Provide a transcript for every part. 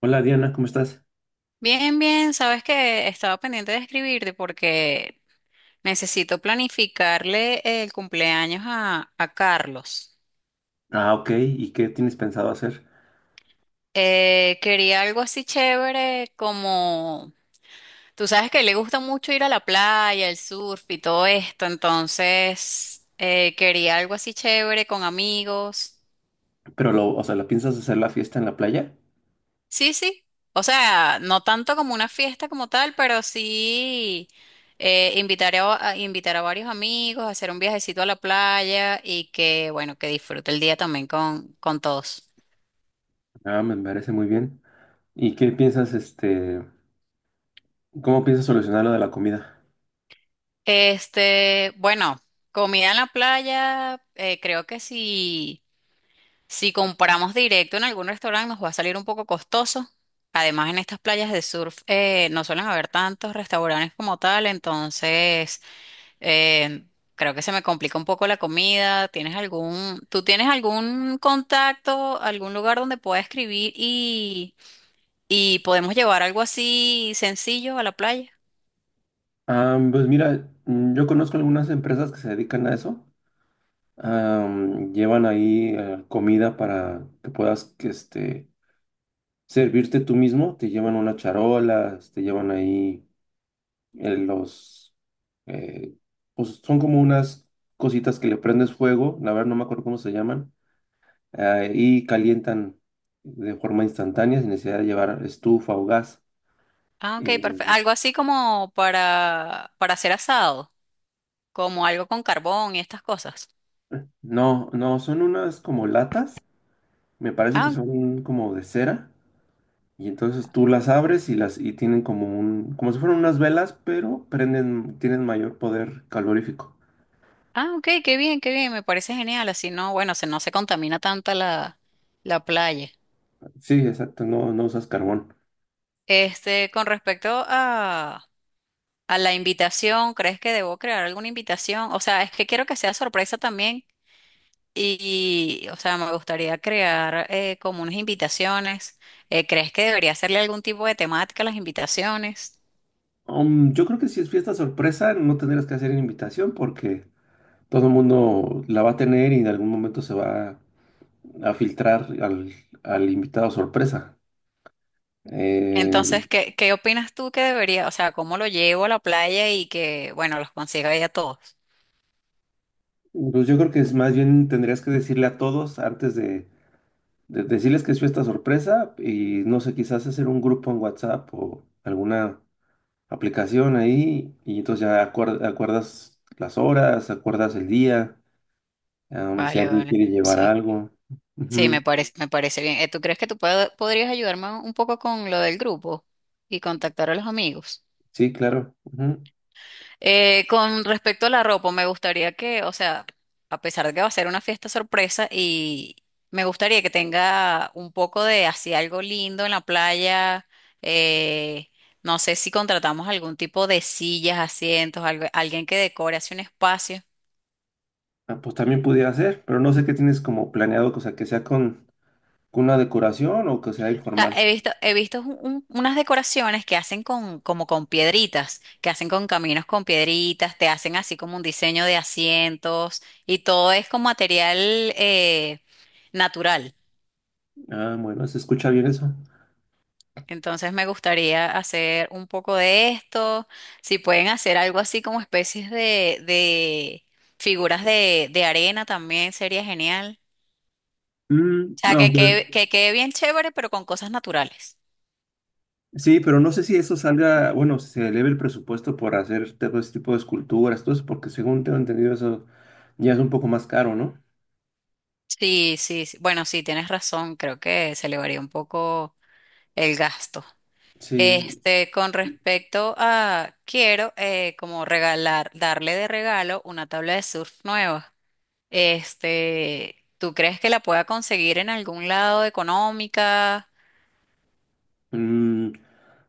Hola Diana, ¿cómo estás? Bien, bien, sabes que estaba pendiente de escribirte porque necesito planificarle el cumpleaños a Carlos. Ah, ok, ¿y qué tienes pensado hacer? Quería algo así chévere como, tú sabes que le gusta mucho ir a la playa, el surf y todo esto, entonces quería algo así chévere con amigos. Pero lo, o sea, ¿la piensas hacer la fiesta en la playa? Sí, sí. O sea, no tanto como una fiesta como tal, pero sí invitar invitar a varios amigos, hacer un viajecito a la playa y que, bueno, que disfrute el día también con todos. Ah, me parece muy bien. ¿Y qué piensas, este, cómo piensas solucionar lo de la comida? Este, bueno, comida en la playa, creo que si, si compramos directo en algún restaurante nos va a salir un poco costoso. Además, en estas playas de surf no suelen haber tantos restaurantes como tal, entonces… Eh, creo que se me complica un poco la comida. ¿Tienes algún, tú tienes algún contacto, algún lugar donde pueda escribir y podemos llevar algo así sencillo a la playa? Ah, pues mira, mm, yo conozco algunas empresas que se dedican a eso. Ah, mm, llevan ahí comida para que puedas, que, este, servirte tú mismo. Te llevan unas charolas, te llevan ahí los eh, pues son como unas cositas que le prendes fuego, la verdad no me acuerdo cómo se llaman, y calientan de forma instantánea sin necesidad de llevar estufa o gas. Ah, ok, perfecto. Eh, Algo así como para hacer asado, como algo con carbón y estas cosas. no, no, son unas como latas, me parece que Ah, ok, son como de cera, y entonces tú las abres y las y tienen como un, como si fueran unas velas, pero prenden, tienen mayor poder calorífico. ah, ok, qué bien, me parece genial. Así no, bueno, se, no se contamina tanta la, la playa. Sí, exacto, no, no usas carbón. Este, con respecto a la invitación, ¿crees que debo crear alguna invitación? O sea, es que quiero que sea sorpresa también y, o sea, me gustaría crear como unas invitaciones. ¿Crees que debería hacerle algún tipo de temática a las invitaciones? Yo creo que si es fiesta sorpresa, no tendrías que hacer invitación porque todo el mundo la va a tener y en algún momento se va a filtrar al, al invitado sorpresa. Eh, Entonces, ¿qué, qué opinas tú que debería, o sea, cómo lo llevo a la playa y que, bueno, los consiga ahí a todos? pues yo creo que es más bien tendrías que decirle a todos antes de decirles que es fiesta sorpresa y no sé, quizás hacer un grupo en WhatsApp o alguna aplicación ahí y entonces ya acuerdas las horas, acuerdas el día, si Vale, alguien vale. quiere llevar Sí, algo. sí, Ujú. Me parece bien. ¿Tú crees que tú podrías ayudarme un poco con lo del grupo y contactar a los amigos? Sí, claro. Ujú. Con respecto a la ropa, me gustaría que, o sea, a pesar de que va a ser una fiesta sorpresa y me gustaría que tenga un poco de así algo lindo en la playa. eh, no sé si contratamos algún tipo de sillas, asientos, alguien que decore así un espacio. Ah, pues también pudiera ser, pero no sé qué tienes como planeado, o sea, que sea con una decoración o que sea O sea, informal. He visto unas decoraciones que hacen con, como con piedritas, que hacen con caminos con piedritas, te hacen así como un diseño de asientos y todo es con material eh, natural. Ah, bueno, se escucha bien eso. Entonces me gustaría hacer un poco de esto, si pueden hacer algo así como especies de figuras de arena también sería genial. Mm, O sea, aunque- que quede bien chévere, pero con cosas naturales. sí, pero no sé si eso salga, bueno, si se eleve el presupuesto por hacer todo ese tipo de esculturas, todo eso, porque según tengo entendido eso ya es un poco más caro, ¿no? Sí, sí, sí. Bueno, sí, tienes razón, creo que se elevaría un poco el gasto. Sí, Este, con respecto a, quiero como regalar, darle de regalo una tabla de surf nueva. Este, ¿tú crees que la pueda conseguir en algún lado económica? mm,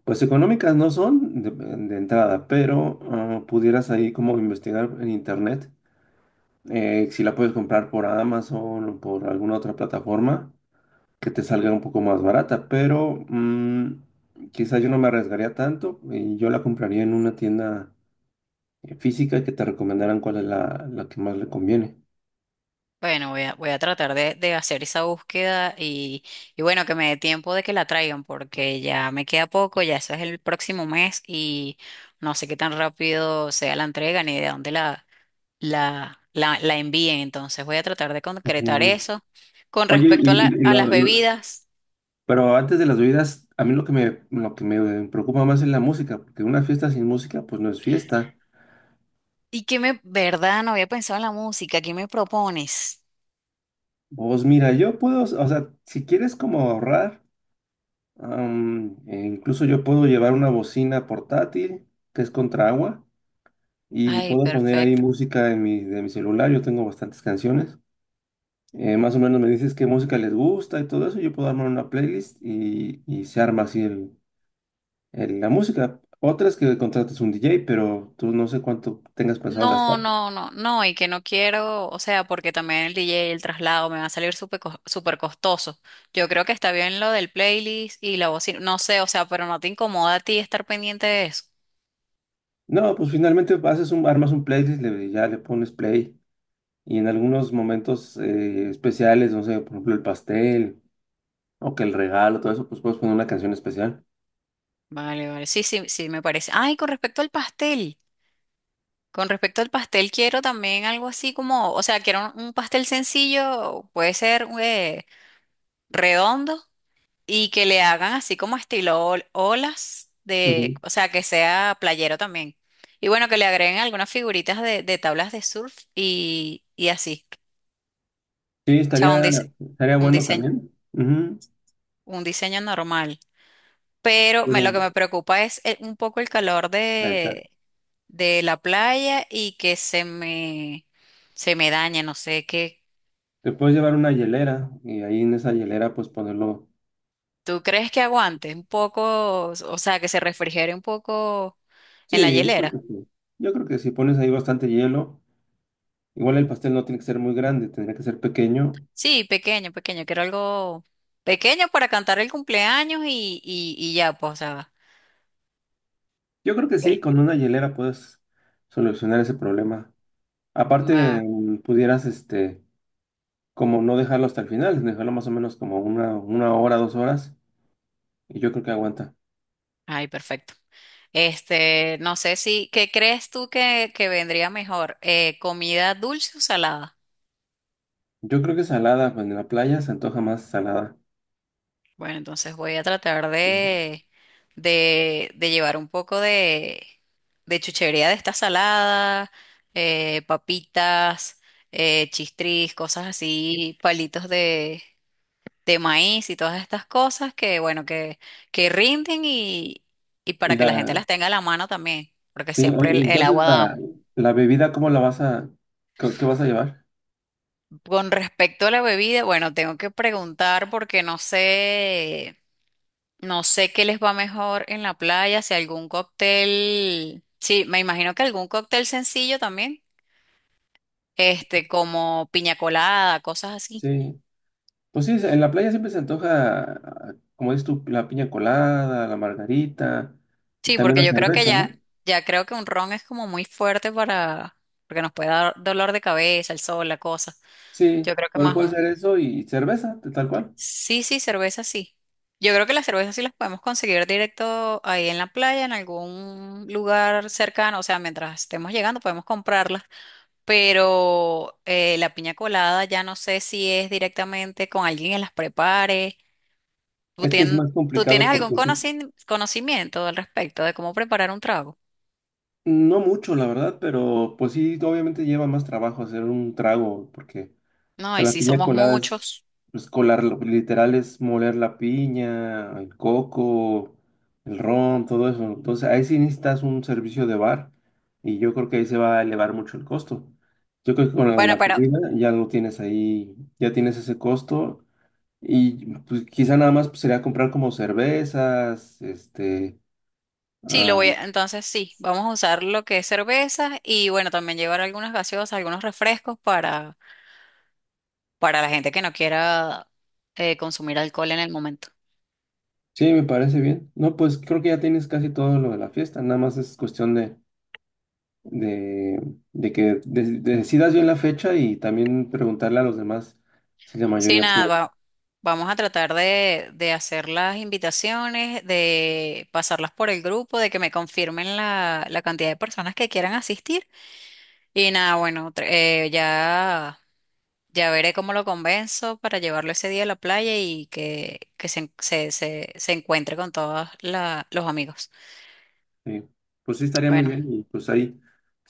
pues económicas no son de entrada, pero ah, pudieras ahí como investigar en internet. Si la puedes comprar por Amazon o por alguna otra plataforma que te salga un poco más barata, pero mm, quizás yo no me arriesgaría tanto y yo la compraría en una tienda física que te recomendaran cuál es la, la que más le conviene. Bueno, voy a, voy a tratar de hacer esa búsqueda y bueno, que me dé tiempo de que la traigan porque ya me queda poco, ya eso es el próximo mes y no sé qué tan rápido sea la entrega ni de dónde la envíen. Entonces voy a tratar de concretar Ujú. eso. Con Oye, respecto a y a las lo- bebidas, Pero antes de las bebidas, a mí lo que me preocupa más es la música, porque una fiesta sin música pues no es fiesta. ¿y qué me, verdad? No había pensado en la música, ¿qué me propones? Vos mira, yo puedo, o sea, si quieres como ahorrar. E incluso yo puedo llevar una bocina portátil que es contra agua y Ay, puedo poner ahí perfecto. música en mi, de mi celular. Yo tengo bastantes canciones. Más o menos me dices qué música les gusta y todo eso. Yo puedo armar una playlist y se arma así la música. Otra es que contratas un DJ, pero tú no sé cuánto tengas pensado No, gastar. no, no, no, y que no quiero, o sea, porque también el DJ, el traslado me va a salir súper costoso. Yo creo que está bien lo del playlist y la bocina, no sé, o sea, pero no te incomoda a ti estar pendiente de eso. No, pues finalmente haces un, armas un playlist, ya le pones play y en algunos momentos especiales, no sé, por ejemplo el pastel. O que el regalo, todo eso, pues puedes poner una canción especial. Vale, vale, sí, sí, sí, me parece. Ay, con respecto al pastel, con respecto al pastel quiero también algo así como, o sea, quiero un pastel sencillo, puede ser redondo. Y que le hagan así como estilo olas de, Ujú. o sea, que sea playero también. Y bueno, que le agreguen algunas figuritas de tablas de surf y así. Sí, O sea, un diseño, estaría un bueno diseño, también. Ujú. un diseño normal. Pero Pero, lo que me preocupa es un poco el calor exacto. De la playa y que se me dañe, no sé qué. Te puedes llevar una hielera y ahí en esa hielera pues ponerlo. ¿Tú crees que aguante un poco, o sea, que se refrigere un poco en la Sí, yo creo que hielera? sí. Yo creo que si pones ahí bastante hielo, igual el pastel no tiene que ser muy grande, tendría que ser pequeño. Sí, pequeño, pequeño, quiero algo pequeño para cantar el cumpleaños y ya, pues, o sea, Yo creo que sí, el- con una hielera puedes solucionar ese problema. Aparte, ma- mm, pudieras, este, como no dejarlo hasta el final, dejarlo más o menos como una hora, dos horas, y yo creo que aguanta. ay, perfecto. Este, no sé si, ¿qué crees tú que vendría mejor? ¿Comida dulce o salada? Yo creo que salada, pues en la playa se antoja más salada. Bueno, entonces voy a tratar Mm. De llevar un poco de chuchería de esta salada, papitas, chistris, cosas así, palitos de maíz y todas estas cosas que, bueno, que rinden y para Y que la gente la, las tenga a la mano también, porque sí, siempre oye, el entonces agua da. la bebida, ¿cómo la vas a, qué, qué vas a llevar? Con respecto a la bebida, bueno, tengo que preguntar porque no sé, no sé qué les va mejor en la playa, si algún cóctel, sí, me imagino que algún cóctel sencillo también, este, como piña colada, cosas así. Sí, pues sí, en la playa siempre se antoja, ah, como dices tú, la piña colada, la margarita, y Sí, también la porque yo creo que cerveza, ya, ¿no? ya creo que un ron es como muy fuerte para, porque nos puede dar dolor de cabeza, el sol, la cosa. Sí, Yo creo que bueno, más puede ser un… eso y cerveza, tal cual. Sí, sí, cerveza sí. Yo creo que las cervezas sí las podemos conseguir directo ahí en la playa, en algún lugar cercano, o sea, mientras estemos llegando podemos comprarlas, pero la piña colada ya no sé si es directamente con alguien que las prepare. ¿Tú, Es que es tien- más ¿tú complicado tienes algún porque sí- conocimiento al respecto de cómo preparar un trago? No mucho, la verdad, pero pues sí, obviamente lleva más trabajo hacer un trago, porque, o No, sea, y la si piña somos colada es, muchos. pues colarlo, literal es moler la piña, el coco, el ron, todo eso. Entonces, ahí sí necesitas un servicio de bar y yo creo que ahí se va a elevar mucho el costo. Yo creo que con lo de Bueno, la pero comida ya lo tienes ahí, ya tienes ese costo. Y pues quizá nada más pues, sería comprar como cervezas, este... sí, lo ah, voy a, entonces sí, vamos a usar lo que es cerveza y bueno, también llevar algunas gaseosas, algunos refrescos para la gente que no quiera consumir alcohol en el momento. sí, me parece bien. No, pues creo que ya tienes casi todo lo de la fiesta, nada más es cuestión de, de que decidas bien la fecha y también preguntarle a los demás si la Sí, mayoría nada, puede. Vamos a tratar de hacer las invitaciones, de pasarlas por el grupo, de que me confirmen la, la cantidad de personas que quieran asistir. Y nada, bueno, ya. Ya veré cómo lo convenzo para llevarlo ese día a la playa y que se encuentre con todos los amigos. Sí. Pues sí, estaría muy Bueno, vale, bien y pues ahí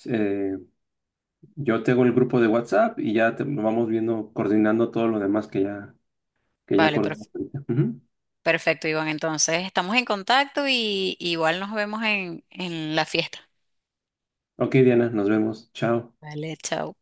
eh, yo tengo el grupo de WhatsApp y ya te, nos vamos viendo, coordinando todo lo demás que ya vale, acordamos. Ahorita. Ujú. perfecto, Iván. Entonces, estamos en contacto y igual nos vemos en la fiesta. Ok, Diana, nos vemos. Chao. Vale, chao.